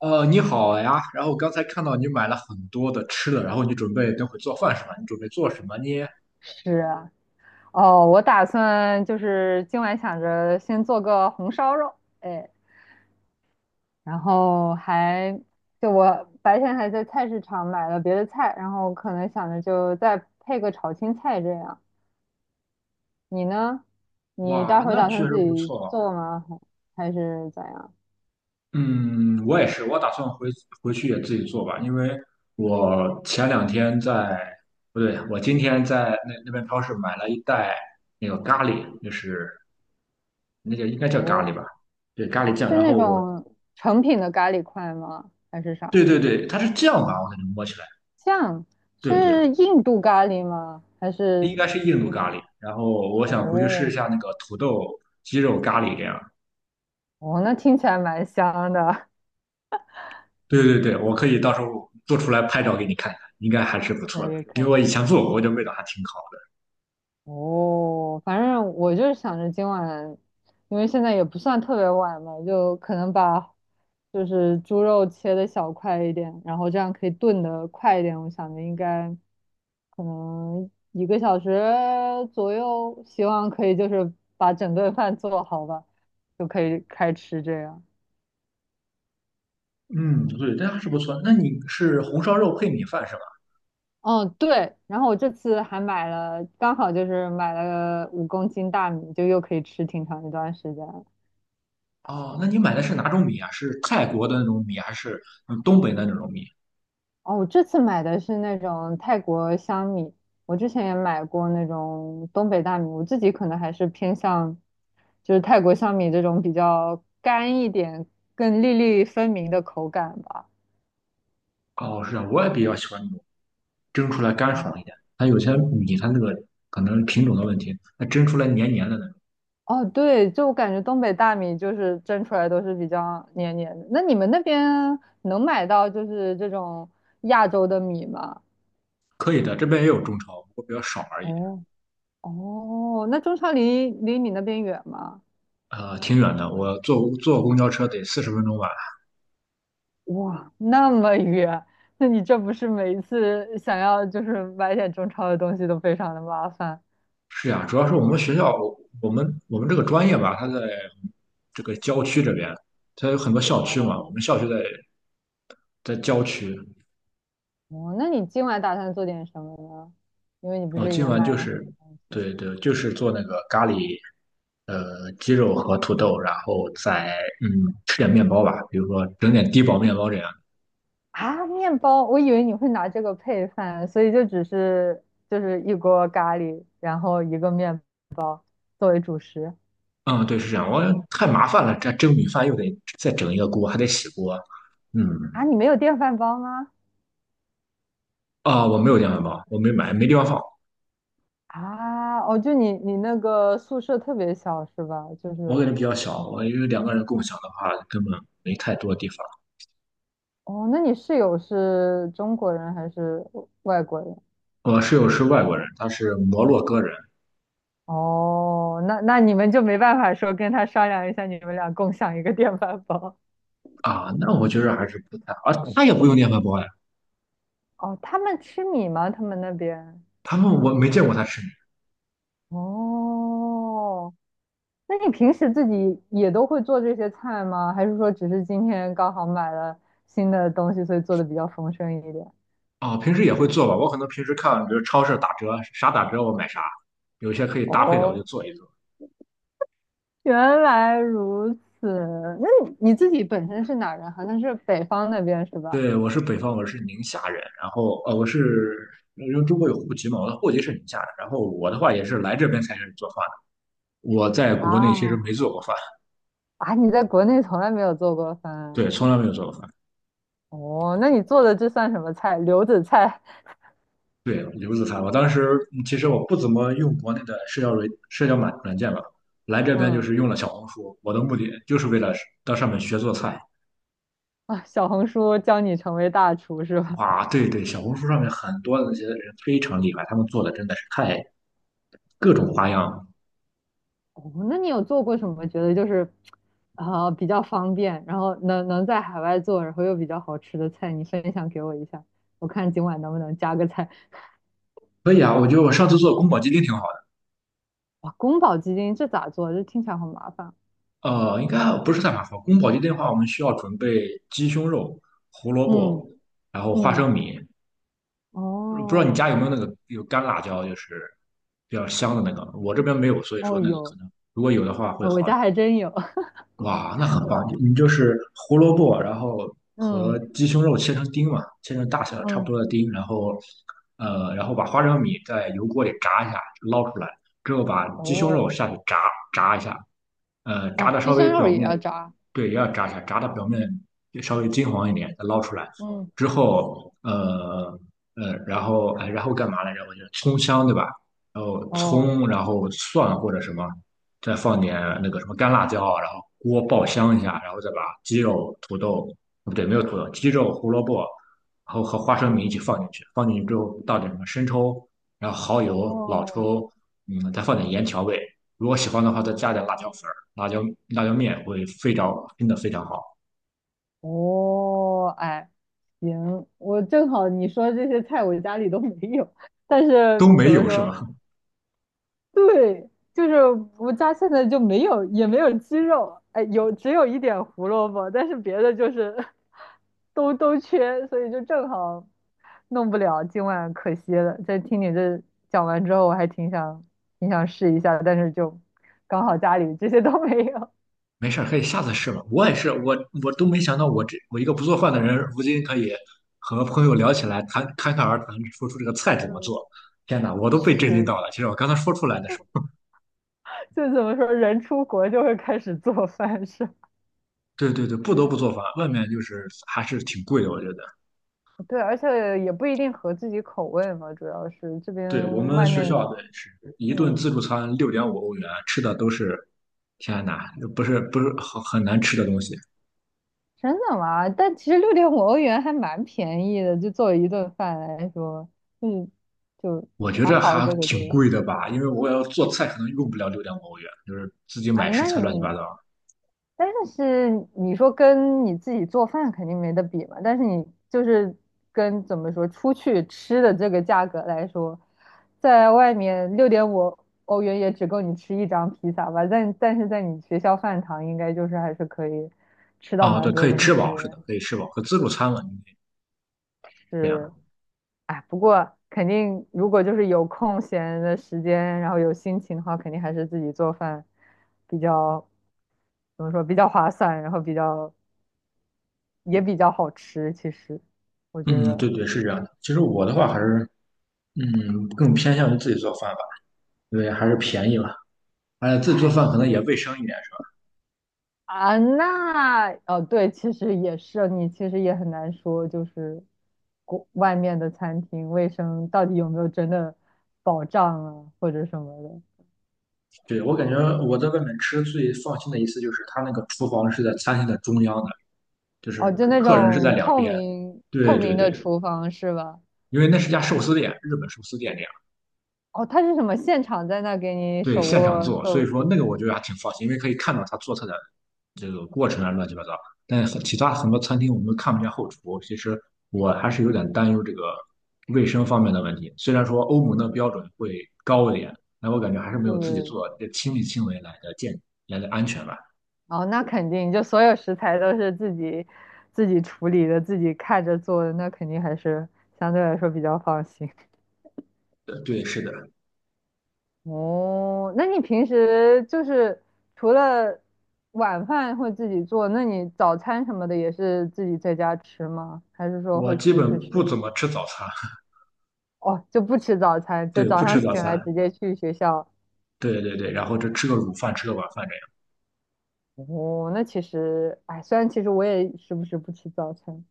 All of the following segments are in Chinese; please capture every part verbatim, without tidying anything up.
呃，你好呀。然后刚才看到你买了很多的吃的，然后你准备等会做饭是吧？你准备做什么呢？是啊，哦，我打算就是今晚想着先做个红烧肉，哎，然后还就我白天还在菜市场买了别的菜，然后可能想着就再配个炒青菜这样。你呢？你待哇，会儿那打确算自实不己错。做吗？还还是咋样？嗯，我也是，我打算回回去也自己做吧，因为我前两天在，不对，我今天在那那边超市买了一袋那个咖喱，就是那个应该叫咖喱哦，吧？对，咖喱酱。是然那后我，种成品的咖喱块吗？还是啥对对对，它是酱吧？我感觉摸起来，酱？对对，是印度咖喱吗？还应是该是印度咖喱。然后我想回去试一哦下那个土豆鸡肉咖喱这样。哦，那听起来蛮香的。对对对，我可以到时候做出来拍照给你看看，应该还是不错的。可以可因为以我以前做过，我觉得味道还挺好哦，反正我就是想着今晚，因为现在也不算特别晚嘛，就可能把就是猪肉切的小块一点，然后这样可以炖的快一点。我想着应该可能一个小时左右，希望可以就是把整顿饭做好吧，就可以开吃这样。的。嗯，对，这还是不错。那你是红烧肉配米饭是吧？嗯，对，然后我这次还买了，刚好就是买了五公斤大米，就又可以吃挺长一段时间。哦，那你买的是哪种米啊？是泰国的那种米，还是嗯东北的那种米？哦，我这次买的是那种泰国香米，我之前也买过那种东北大米，我自己可能还是偏向就是泰国香米这种比较干一点、更粒粒分明的口感吧。哦，是啊，我也比较喜欢那种蒸出来干哦爽一点。它有些米它那个可能品种的问题，它蒸出来黏黏的那种。哦，对，就我感觉东北大米就是蒸出来都是比较黏黏的。那你们那边能买到就是这种亚洲的米吗？可以的，这边也有中超，不过比较少而已。哦哦，那中超离离你那边远吗？呃，挺远的，我坐坐公交车得四十分钟吧，哇，那么远，那你这不是每一次想要就是买点中超的东西都非常的麻烦是呀，主要是我们学校，我我们我们这个专业吧，它在这个郊区这边，它有很多校区嘛。我哦们校区在在郊区，哦，那你今晚打算做点什么呢？因为你不我是今也晚买就了很多是东西对对，就是做那个咖喱，呃，鸡肉和土豆，然后再嗯吃点面包吧，比如说整点低饱面包这样。啊，面包，我以为你会拿这个配饭，所以就只是就是一锅咖喱，然后一个面作为主食嗯，对，是这样。我太麻烦了，这蒸米饭又得再整一个锅，还得洗锅。啊，嗯，你没有电饭煲吗？啊，我没有电饭煲，我没买，没地方放。啊，哦，就你你那个宿舍特别小是吧？就我感是。觉比较小，我因为两个人共享的话，根本没太多地方。哦，那你室友是中国人还是外国人？我室友是外国人，他是摩洛哥人哦，那那你们就没办法说跟他商量一下，你们俩共享一个电饭煲。啊，那我觉得还是不太，好，啊，他也不用电饭煲呀，哦，他们吃米吗？他们那边？他们我没见过他吃面哦，那你平时自己也都会做这些菜吗？还是说只是今天刚好买了新的东西，所以做的比较丰盛一点？啊，平时也会做吧，我可能平时看，比如超市打折，啥打折我买啥，有些可以搭配的我哦，就做一做。原来如此。那你你自己本身是哪人？好像是北方那边是吧？对，我是北方，我是宁夏人，然后呃，我是因为中国有户籍嘛，我的户籍是宁夏的，然后我的话也是来这边才开始做饭的，我在国内其实没啊，做过饭，啊，你在国内从来没有做过饭啊对，从来没有做过饭。哦？那你做的这算什么菜？留子菜？对，刘子涵，我当时其实我不怎么用国内的社交软社交软软件吧，来这边就嗯是用了小红书，我的目的就是为了到上面学做菜。啊，小红书教你成为大厨是吧？哇，对对，小红书上面很多的那些人非常厉害，他们做的真的是太各种花样。哦，那你有做过什么？觉得就是啊、比较方便，然后能能在海外做，然后又比较好吃的菜，你分享给我一下，我看今晚能不能加个菜。可以啊，我觉得我上次做的宫保鸡丁挺好的。哇，宫保鸡丁这咋做？这听起来好麻烦。呃，应该不是太麻烦。宫保鸡丁的话，我们需要准备鸡胸肉、胡萝嗯卜，然后花嗯，生米。不知道你哦家有没有那个有干辣椒，就是比较香的那个。我这边没有，所以说哦那个可有，能如果有的话会呃我好。家还真有。哇，那很棒！你就是胡萝卜，然后嗯和鸡胸肉切成丁嘛，切成大小差不嗯，多的丁，然后呃，然后把花生米在油锅里炸一下，捞出来之后，把鸡胸肉哦下去炸炸一下，呃，炸哦，的鸡稍微胸肉表也要面，炸。对，也要炸一下，炸的表面稍微金黄一点，再捞出来嗯，之后，呃呃，然后哎，然后干嘛来着？我觉得葱香对吧？然后哦，葱，然后蒜或者什么。再放点那个什么干辣椒啊，然后锅爆香一下，然后再把鸡肉、土豆，哦不对，没有土豆，鸡肉、胡萝卜，然后和花生米一起放进去。放进去之后倒点什么生抽，然后蚝油、老哦，抽，嗯，再放点盐调味。如果喜欢的话，再加点辣椒粉儿、辣椒辣椒面，会非常真的非常好。哦，哎，行，我正好你说这些菜我家里都没有，但是都没怎么有是说？吗？对，就是我家现在就没有，也没有鸡肉，哎，有只有一点胡萝卜，但是别的就是都都缺，所以就正好弄不了，今晚可惜了。在听你这讲完之后，我还挺想挺想试一下的，但是就刚好家里这些都没有。没事儿，可以下次试吧。我也是，我我都没想到我这我一个不做饭的人，如今可以和朋友聊起来，谈侃侃而谈，说出这个菜怎么嗯，做。天哪，我都被震惊是，到了。其实我刚才说出来的时候，就怎么说，人出国就会开始做饭是吧？对对对，不得不做饭，外面就是还是挺贵的，我觉得。对，而且也不一定合自己口味嘛，主要是这对我边们外学面，校的是一顿嗯，自助餐六点五欧元，吃的都是天哪，不是不是很很难吃的东西。真的吗？但其实六点五欧元还蛮便宜的，就作为一顿饭来说，嗯，就我觉还着好还这个挺就贵的吧，因为我要做菜可能用不了六点五欧元，就是自己啊，买食那材乱七八你糟。但是你说跟你自己做饭肯定没得比嘛，但是你就是跟怎么说出去吃的这个价格来说，在外面六点五欧元也只够你吃一张披萨吧，但但是在你学校饭堂应该就是还是可以吃到啊，蛮对，可多以东吃西饱，是的，的，可以吃饱，和自助餐嘛，应该这样的。是，哎，不过肯定如果就是有空闲的时间，然后有心情的话，肯定还是自己做饭比较怎么说比较划算，然后比较。也比较好吃。其实我觉嗯，得，对对，是这样的。其实我的话还是，嗯，更偏向于自己做饭吧，因为还是便宜嘛，而且自己做哎，饭可能也是卫生一点，是吧？啊，那哦，对，其实也是，你其实也很难说，就是国外面的餐厅卫生到底有没有真的保障啊，或者什么的。对，我感觉我在外面吃最放心的一次就是他那个厨房是在餐厅的中央的，就是哦，就那客人是在种两透边。明透对对明对，的厨房是吧？因为那是家寿司店，日本寿司店那样。哦，他是什么？现场在那给你对，手现场握做，所以寿说那司？个我觉得还挺放心，因为可以看到他做菜的这个过程啊，乱七八糟。但是其他很多餐厅我们都看不见后厨，其实我还是有点担忧这个卫生方面的问题。虽然说欧盟的标准会高一点，但我感觉还是没有自己对，做这亲力亲为来的健来的安全吧。哦，那肯定，就所有食材都是自己自己处理的，自己看着做的，那肯定还是相对来说比较放心。呃对，是的，哦，那你平时就是除了晚饭会自己做，那你早餐什么的也是自己在家吃吗？还是说我会基出去本不吃？怎么吃早餐，哦，就不吃早餐，就对，早不吃上早醒来餐，直接去学校。对对对，然后就吃个午饭，吃个晚饭这样。哦，那其实，哎，虽然其实我也时不时不吃早餐，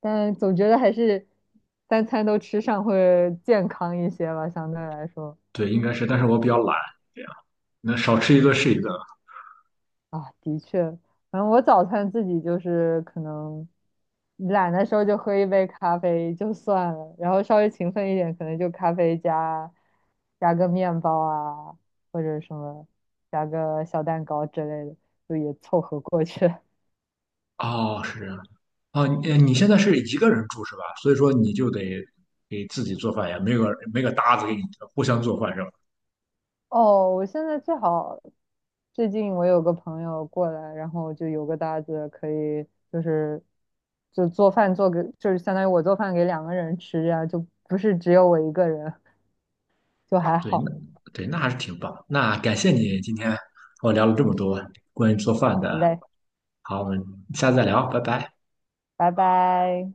但总觉得还是三餐都吃上会健康一些吧，相对来说。对，应该是，但是我比较懒，这样那少吃一哎顿是一顿。啊，的确，反正我早餐自己就是可能懒的时候就喝一杯咖啡就算了，然后稍微勤奋一点，可能就咖啡加加个面包啊，或者什么加个小蛋糕之类的，就也凑合过去。哦，是这样。啊，你呃你现在是一个人住是吧？所以说你就得给自己做饭呀，没有没个搭子给你互相做饭是吧？哦，我现在最好最近我有个朋友过来，然后就有个搭子可以，就是就做饭做给，就是相当于我做饭给两个人吃，这样就不是只有我一个人，就还对，那好。对那还是挺棒。那感谢你今天和我聊了这么多关于做饭好的。嘞，好，我们下次再聊，拜拜。拜拜。